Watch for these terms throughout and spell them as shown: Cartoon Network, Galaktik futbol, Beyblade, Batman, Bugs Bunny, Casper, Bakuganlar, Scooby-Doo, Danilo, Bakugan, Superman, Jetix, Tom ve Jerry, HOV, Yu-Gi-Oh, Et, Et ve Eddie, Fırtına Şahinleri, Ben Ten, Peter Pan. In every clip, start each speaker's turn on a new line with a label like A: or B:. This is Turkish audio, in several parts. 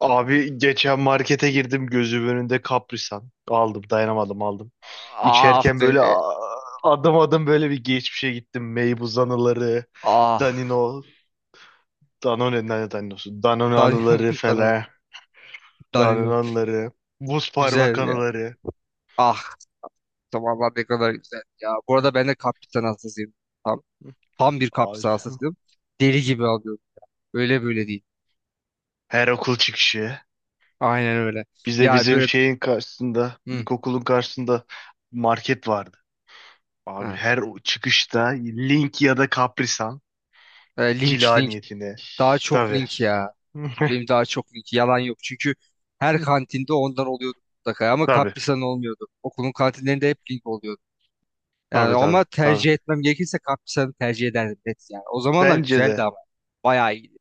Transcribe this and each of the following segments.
A: Abi, geçen markete girdim, gözümün önünde Kaprisan. Aldım, dayanamadım aldım.
B: Ah
A: İçerken
B: be.
A: böyle aa, adım adım böyle bir geçmişe gittim. Meybuz anıları,
B: Ah.
A: Danino, Danone, ne Danino'su? Danone
B: Danilo.
A: anıları
B: Danilo.
A: falan. Danone
B: Danilo.
A: anıları, buz parmak
B: Güzel ya.
A: anıları.
B: Ah. Zamanlar ne kadar güzel ya. Bu
A: Hı.
B: arada ben de kaptan hastasıyım. Tam, tam bir
A: Abi,
B: kaptan hastasıyım. Deli gibi alıyorum. Öyle böyle değil.
A: her okul çıkışı.
B: Aynen öyle.
A: Bize
B: Ya
A: bizim
B: böyle,
A: şeyin karşısında,
B: hı,
A: ilkokulun karşısında market vardı. Abi,
B: ha.
A: her o çıkışta Link ya da Kaprisan
B: E, link
A: cila
B: link.
A: niyetine.
B: Daha çok
A: Tabii.
B: link ya. Benim daha çok link. Yalan yok. Çünkü her kantinde ondan oluyordu mutlaka. Ama
A: Tabii,
B: Kaprisa'nın olmuyordu. Okulun kantinlerinde hep link oluyordu. Yani
A: tabii,
B: ama
A: tabii, tabii.
B: tercih etmem gerekirse Kaptisan'ı tercih ederdim, net yani. O zamanlar
A: Bence
B: güzeldi
A: de
B: ama. Bayağı iyiydi.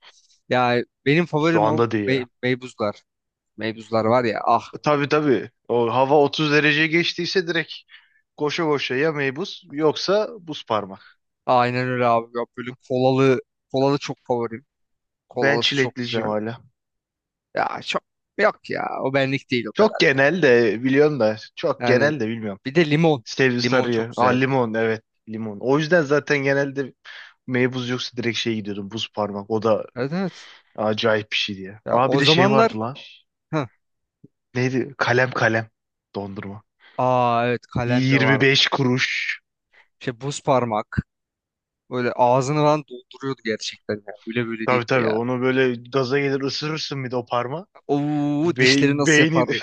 B: Ya benim
A: şu
B: favorim o
A: anda değil ya.
B: Meybuzlar. Meybuzlar var ya, ah.
A: Tabii, tabii. O hava 30 derece geçtiyse direkt koşa koşa, ya meybuz yoksa buz parmak.
B: Aynen öyle abi. Ya böyle kolalı, kolalı çok favorim.
A: Ben
B: Kolalısı çok
A: çilekliciyim
B: güzel.
A: hala.
B: Ya çok, yok ya. O benlik değil o
A: Çok
B: kadar.
A: genel de biliyorum, da çok
B: Yani
A: genel de bilmiyorum.
B: bir de limon.
A: Sevdi
B: Limon çok
A: sarıyı. Aa,
B: güzel.
A: limon, evet, limon. O yüzden zaten genelde meybuz yoksa direkt şey gidiyordum, buz parmak. O da
B: Evet, evet.
A: acayip bir şey diye.
B: Ya
A: Aa, bir
B: o
A: de şey
B: zamanlar,
A: vardı lan.
B: heh.
A: Neydi? Kalem kalem dondurma.
B: Aa evet, kalem de vardı.
A: 25 kuruş.
B: Şey, buz parmak. Böyle ağzını falan dolduruyordu gerçekten ya. Öyle böyle
A: Tabii,
B: değildi
A: tabii,
B: ya.
A: onu böyle gaza gelir ısırırsın bir de o parma.
B: Oo,
A: Be
B: dişleri nasıl
A: beynin
B: yapardı?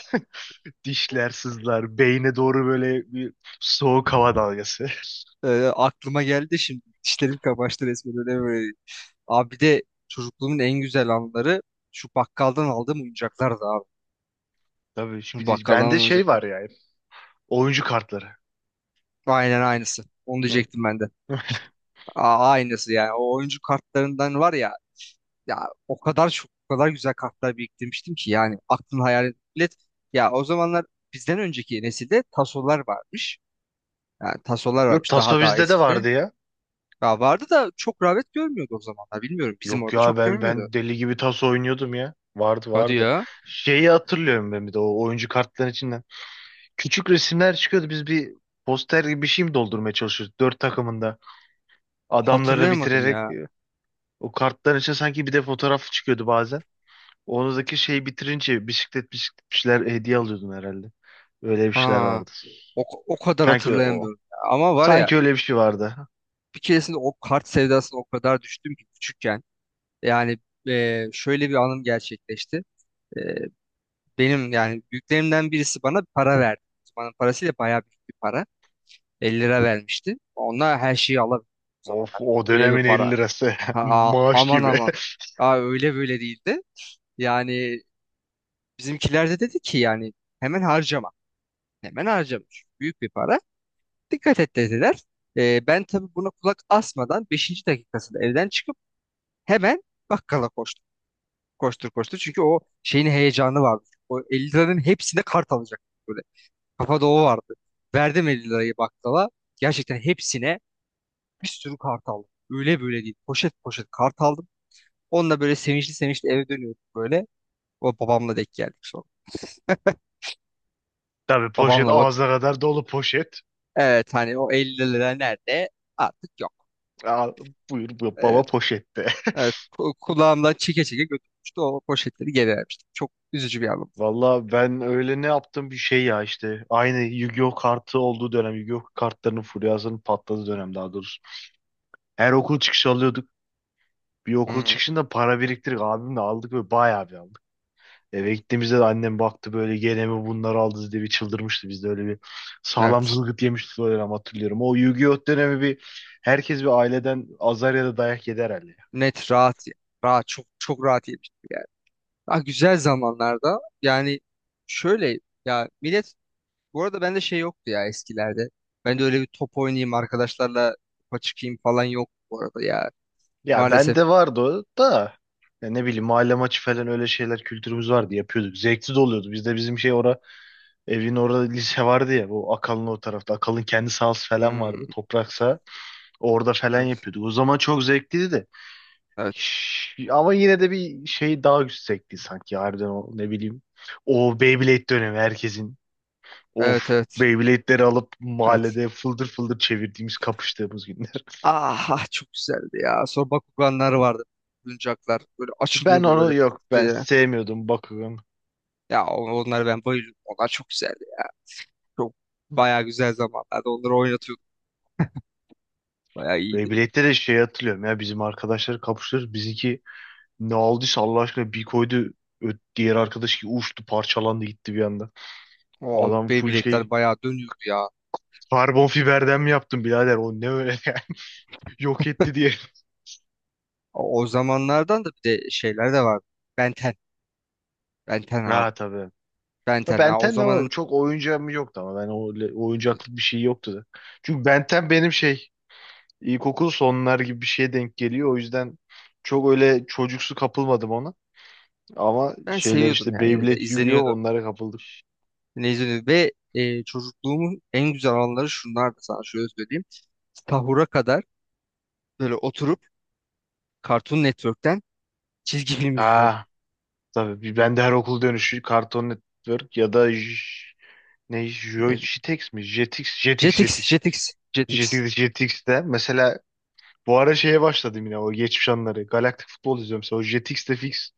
A: dişler sızlar. Beyne doğru böyle bir soğuk hava dalgası.
B: Ee, Aklıma geldi şimdi. Dişlerim kamaştı resmen, öyle böyle. Abi bir de çocukluğumun en güzel anları şu bakkaldan aldığım oyuncaklardı abi.
A: Tabii,
B: Bu
A: bir de
B: bakkaldan
A: bende
B: aldığım
A: şey
B: oyuncaklar.
A: var yani. Oyuncu kartları.
B: Aynen aynısı. Onu
A: Hı.
B: diyecektim ben de. Aa, aynısı yani. O oyuncu kartlarından var ya, ya o kadar çok, o kadar güzel kartlar biriktirmiştim ki yani, aklın hayal et. Ya o zamanlar bizden önceki nesilde tasolar varmış. Yani tasolar
A: Yok,
B: varmış daha
A: taso
B: daha
A: bizde de
B: eskide.
A: vardı ya.
B: Ya vardı da çok rağbet görmüyordu o zamanlar. Bilmiyorum, bizim
A: Yok
B: orada
A: ya,
B: çok
A: ben
B: görmüyordu.
A: ben deli gibi taso oynuyordum ya. Vardı,
B: Hadi
A: vardı.
B: ya.
A: Şeyi hatırlıyorum ben bir de o oyuncu kartların içinden. Küçük resimler çıkıyordu. Biz bir poster gibi bir şey mi doldurmaya çalışıyoruz? Dört takımında adamları
B: Hatırlayamadım
A: bitirerek.
B: ya.
A: O kartların içine sanki bir de fotoğraf çıkıyordu bazen. Oradaki şeyi bitirince bisiklet bisiklet bir şeyler hediye alıyordun herhalde. Öyle bir şeyler
B: Ha.
A: vardı.
B: O kadar
A: Sanki o.
B: hatırlayamıyorum ya. Ama var ya,
A: Sanki öyle bir şey vardı.
B: bir keresinde o kart sevdasına o kadar düştüm ki küçükken. Yani, şöyle bir anım gerçekleşti. E, Benim yani büyüklerimden birisi bana para verdi. O bana parasıyla bayağı büyük bir para. 50 lira vermişti. Onunla her şeyi alabiliyordum o
A: Of,
B: zamanlar.
A: o
B: Öyle bir
A: dönemin 50
B: para.
A: lirası.
B: Ha,
A: Maaş
B: aman
A: gibi.
B: aman. Aa, öyle böyle değildi. Yani bizimkiler de dedi ki yani hemen harcama. Hemen harcama. Çünkü büyük bir para. Dikkat et, dediler. Ben tabii buna kulak asmadan beşinci dakikasında evden çıkıp hemen bakkala koştum. Koştur koştur. Çünkü o şeyin heyecanı vardı. O 50 liranın hepsine kart alacak. Böyle kafa doğu vardı. Verdim 50 lirayı bakkala. Gerçekten hepsine bir sürü kart aldım. Öyle böyle değil. Poşet poşet kart aldım. Onunla böyle sevinçli sevinçli eve dönüyorduk böyle. O babamla denk geldik sonra.
A: Tabii, poşet,
B: Babamla,
A: ağzına kadar dolu poşet.
B: evet, hani o 50 lira nerede, artık yok.
A: Aa, buyur
B: Evet,
A: baba, poşette.
B: evet, kulağımdan çeke çeke götürmüştü, o poşetleri geri vermiştim. Çok üzücü bir anım.
A: Valla ben öyle ne yaptım bir şey ya işte. Aynı Yu-Gi-Oh kartı olduğu dönem. Yu-Gi-Oh kartlarının furyasının patladığı dönem daha doğrusu. Her okul çıkışı alıyorduk. Bir okul
B: Hı,
A: çıkışında para biriktirdik. Abimle aldık ve bayağı bir aldık. Eve gittiğimizde de annem baktı böyle, gene mi bunları aldınız diye bir çıldırmıştı. Biz de öyle bir sağlam
B: evet,
A: zılgıt yemiştik o dönem, hatırlıyorum. O Yu-Gi-Oh dönemi bir, herkes bir aileden azar ya da dayak yedi herhalde. Ya
B: net rahat ya. Rahat, çok çok rahat yemiştim yani. Ah güzel zamanlarda yani, şöyle, ya millet, bu arada bende şey yoktu ya eskilerde. Ben de öyle bir top oynayayım arkadaşlarla, topa çıkayım falan yok bu arada ya.
A: Ya
B: Maalesef.
A: bende vardı o da, ya ne bileyim, mahalle maçı falan, öyle şeyler, kültürümüz vardı, yapıyorduk. Zevkli de oluyordu. Bizde bizim şey ora, evin orada lise vardı ya, bu Akalın, o tarafta. Akalın kendi sahası falan vardı.
B: Hmm,
A: Toprak saha. Orada falan
B: evet,
A: yapıyorduk. O zaman çok zevkliydi de.
B: evet,
A: Ama yine de bir şey daha yüksekti sanki, harbiden, o ne bileyim. O Beyblade dönemi herkesin.
B: evet,
A: Of,
B: evet,
A: Beyblade'leri alıp
B: evet.
A: mahallede fıldır fıldır çevirdiğimiz, kapıştığımız günler.
B: Ah, ah, çok güzeldi ya. Sonra Bakuganlar vardı. Oyuncaklar böyle
A: Ben
B: açılıyordu böyle
A: onu, yok, ben
B: diye.
A: sevmiyordum Bakugan.
B: Ya onları ben bayılıyordum. Onlar çok güzeldi ya. Çok bayağı güzel zamanlarda onları oynatıyorduk. Bayağı iyiydi.
A: Beyblade'de de şey hatırlıyorum ya, bizim arkadaşları kapıştırır. Bizimki ne aldıysa, Allah aşkına, bir koydu. Diğer arkadaş ki uçtu, parçalandı, gitti bir anda.
B: O
A: Adam full şey,
B: Beyblade'ler bayağı dönüyordu ya.
A: karbon fiberden mi yaptın birader, o ne öyle yok etti diye.
B: O zamanlardan da bir de şeyler de vardı. Ben Ten. Ben Ten abi.
A: Ha, tabii.
B: Ben
A: Ha,
B: Ten. Ha, o
A: Benten de, ama
B: zamanın.
A: çok oyuncağım yoktu ama ben o,
B: Evet, evet.
A: oyuncaklık bir şey yoktu da. Çünkü Benten benim şey, ilkokul sonlar gibi bir şeye denk geliyor. O yüzden çok öyle çocuksu kapılmadım ona. Ama
B: Ben
A: şeyler
B: seviyordum
A: işte,
B: ya, yine de
A: Beyblade, Yu-Gi-Oh,
B: izleniyordu.
A: onlara kapıldım.
B: Yine izleniyordu. Ve çocukluğumun en güzel anları şunlardı, sana şöyle söyleyeyim. Sahura kadar böyle oturup Cartoon Network'ten çizgi film izliyordum.
A: Ha, tabii ben de her okul dönüşü Cartoon Network ya da ne,
B: Ne-
A: Jetix mi? Jetix, Jetix,
B: Jetix,
A: Jetix.
B: Jetix, Jetix.
A: Jetix, Jetix'te mesela, bu ara şeye başladım yine, o geçmiş anları. Galaktik futbol izliyorum. Mesela o Jetix'te fix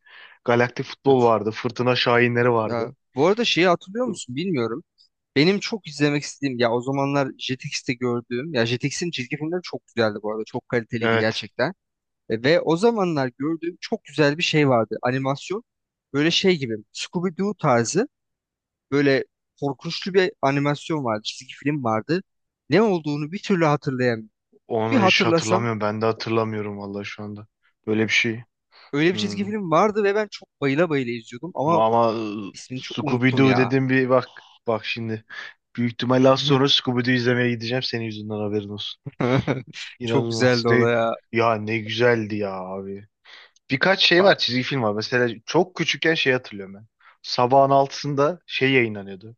A: Galaktik futbol
B: Evet.
A: vardı. Fırtına Şahinleri vardı.
B: Ya bu arada şeyi hatırlıyor musun bilmiyorum. Benim çok izlemek istediğim ya o zamanlar Jetix'te gördüğüm, ya Jetix'in çizgi filmleri çok güzeldi bu arada. Çok kaliteliydi
A: Evet.
B: gerçekten. Ve o zamanlar gördüğüm çok güzel bir şey vardı. Animasyon. Böyle şey gibi, Scooby-Doo tarzı böyle korkunçlu bir animasyon vardı. Çizgi film vardı. Ne olduğunu bir türlü hatırlayamıyorum. Bir
A: Onu hiç
B: hatırlasam,
A: hatırlamıyorum. Ben de hatırlamıyorum vallahi şu anda. Böyle bir şey.
B: öyle bir çizgi
A: Hmm.
B: film vardı ve ben çok bayıla bayıla izliyordum ama,
A: Ama
B: İsmini çok unuttum
A: Scooby-Doo
B: ya.
A: dedim, bir bak. Bak şimdi. Büyük ihtimalle az sonra Scooby-Doo izlemeye gideceğim. Senin yüzünden, haberin olsun.
B: Çok
A: İnanılmaz.
B: güzeldi o da
A: Ne,
B: ya.
A: ya ne güzeldi ya abi. Birkaç şey
B: Ba-
A: var, çizgi film var. Mesela çok küçükken şey hatırlıyorum ben. Sabahın altısında şey yayınlanıyordu.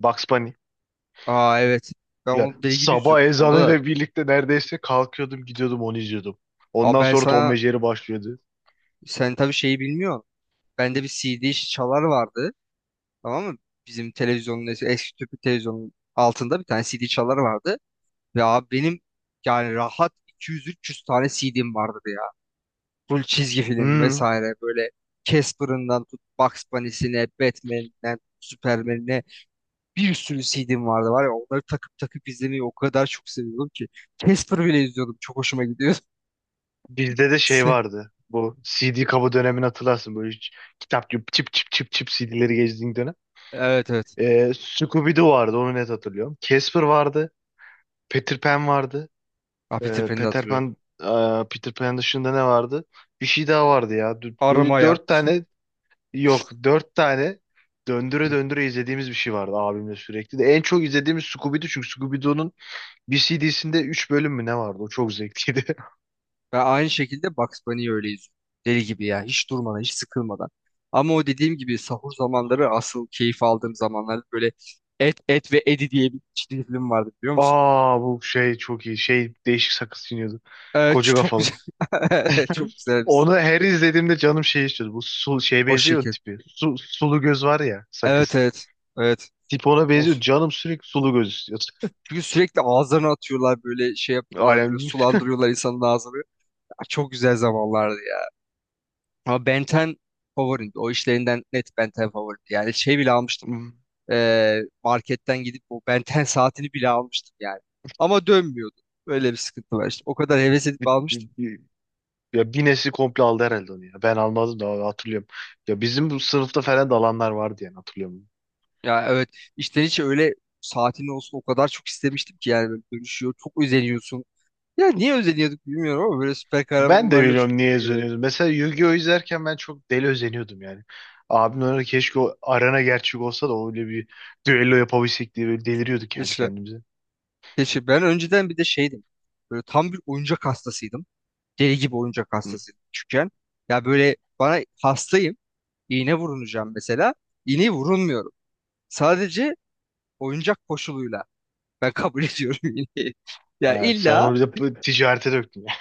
A: Bugs Bunny.
B: Aa evet. Ben
A: Ya
B: onu deli gibi
A: sabah
B: izliyordum. Onda da.
A: ezanıyla birlikte neredeyse kalkıyordum, gidiyordum, onu izliyordum.
B: Aa
A: Ondan
B: ben
A: sonra Tom
B: sana,
A: ve Jerry başlıyordu.
B: sen tabii şeyi bilmiyorsun. Bende bir CD çalar vardı. Tamam mı? Bizim televizyonun eski tüplü televizyonun altında bir tane CD çalar vardı. Ve abi benim yani rahat 200 300 tane CD'm vardı ya. Full çizgi film
A: Hmm,
B: vesaire, böyle Casper'ından tut Bugs Bunny'sine, Batman'den Superman'ine, bir sürü CD'm vardı var ya, onları takıp takıp izlemeyi o kadar çok seviyordum ki. Casper bile izliyordum. Çok hoşuma gidiyordu.
A: bizde de şey vardı. Bu CD kabı dönemini hatırlarsın. Böyle hiç kitap gibi çip çip çip çip CD'leri gezdiğin dönem.
B: Evet, evet.
A: Scooby-Doo vardı, onu net hatırlıyorum. Casper vardı. Peter Pan vardı.
B: Ah, Peter
A: Ee,
B: Pan'i de
A: Peter
B: hatırlıyorum.
A: Pan, e, Peter Pan dışında ne vardı? Bir şey daha vardı ya. Dü- Böyle
B: Aramaya.
A: dört tane, yok, dört tane döndüre
B: Hı.
A: döndüre izlediğimiz bir şey vardı abimle sürekli. De en çok izlediğimiz Scooby-Doo, çünkü Scooby-Doo'nun bir CD'sinde 3 bölüm mü ne vardı? O çok zevkliydi.
B: Ve aynı şekilde Bugs Bunny'i öyle izliyorum. Deli gibi ya. Hiç durmadan, hiç sıkılmadan. Ama o dediğim gibi sahur zamanları asıl keyif aldığım zamanlar, böyle Et, Et ve Eddie diye bir çizgi film vardı biliyor musun?
A: Aa, bu şey çok iyi. Şey, değişik sakız çiğniyordu.
B: Evet,
A: Koca
B: çok
A: kafalı.
B: güzel. Çok güzel.
A: Onu her izlediğimde canım şey istiyordu. Bu şeye
B: O
A: benziyor ya,
B: şekil.
A: tipi. Sulu göz var ya,
B: Evet,
A: sakız.
B: evet. Evet.
A: Tip ona
B: O,
A: benziyor. Canım sürekli sulu göz istiyordu.
B: çünkü sürekli ağızlarına atıyorlar böyle, şey yapıyorlar böyle, sulandırıyorlar insanın ağzını. Ya çok güzel zamanlardı ya. Ama Ben 10 favorimdi. O işlerinden net Ben 10 favorimdi. Yani şey bile almıştım.
A: Alem.
B: Marketten gidip o Ben 10 saatini bile almıştım yani. Ama dönmüyordu. Öyle bir sıkıntı var işte. O kadar heves edip
A: Bir, bir,
B: almıştım.
A: bir- ya bir nesli komple aldı herhalde onu ya. Ben almadım da hatırlıyorum. Ya bizim bu sınıfta falan da alanlar vardı, yani hatırlıyorum.
B: Ya evet, içten içe öyle, saatin olsun o kadar çok istemiştim ki yani, böyle dönüşüyor. Çok özeniyorsun. Ya niye özeniyorduk bilmiyorum ama böyle süper kahraman
A: Ben de
B: olayları çok
A: biliyorum niye
B: güzel
A: özeniyordum. Mesela Yu-Gi-Oh izlerken ben çok deli özeniyordum yani. Abim öyle, keşke o arena gerçek olsa da öyle bir düello yapabilsek diye böyle deliriyorduk kendi
B: geliyor.
A: kendimize.
B: Keşke ben önceden bir de şeydim. Böyle tam bir oyuncak hastasıydım. Deli gibi oyuncak
A: Hı.
B: hastasıydım küçükken. Ya böyle bana hastayım. İğne vurulacağım mesela. İğneyi vurulmuyorum. Sadece oyuncak koşuluyla. Ben kabul ediyorum iğneyi. Ya
A: Evet, sen
B: illa,
A: onu bir de bu ticarete döktün ya.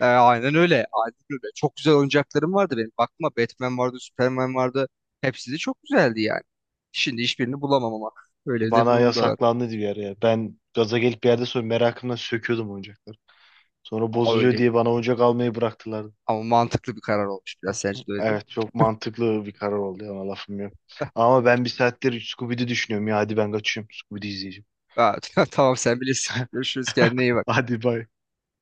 B: aynen öyle. Aynen öyle. Çok güzel oyuncaklarım vardı benim. Bakma, Batman vardı, Superman vardı. Hepsi de çok güzeldi yani. Şimdi hiçbirini bulamam ama. Öyle de
A: Bana
B: bir da var.
A: yasaklandı bir ara ya. Ben gaza gelip bir yerde, sonra merakımdan söküyordum oyuncakları. Sonra
B: Aa,
A: bozuluyor
B: öyle.
A: diye bana oyuncak almayı bıraktılar.
B: Ama mantıklı bir karar olmuş biraz. Sence de öyle değil mi?
A: Evet, çok mantıklı bir karar oldu, ona lafım yok. Ama ben bir saattir Scooby-Doo düşünüyorum ya, hadi ben kaçıyorum, Scooby-Doo izleyeceğim.
B: Aa, tamam sen bilirsin. Görüşürüz, kendine iyi bak.
A: Hadi, bay.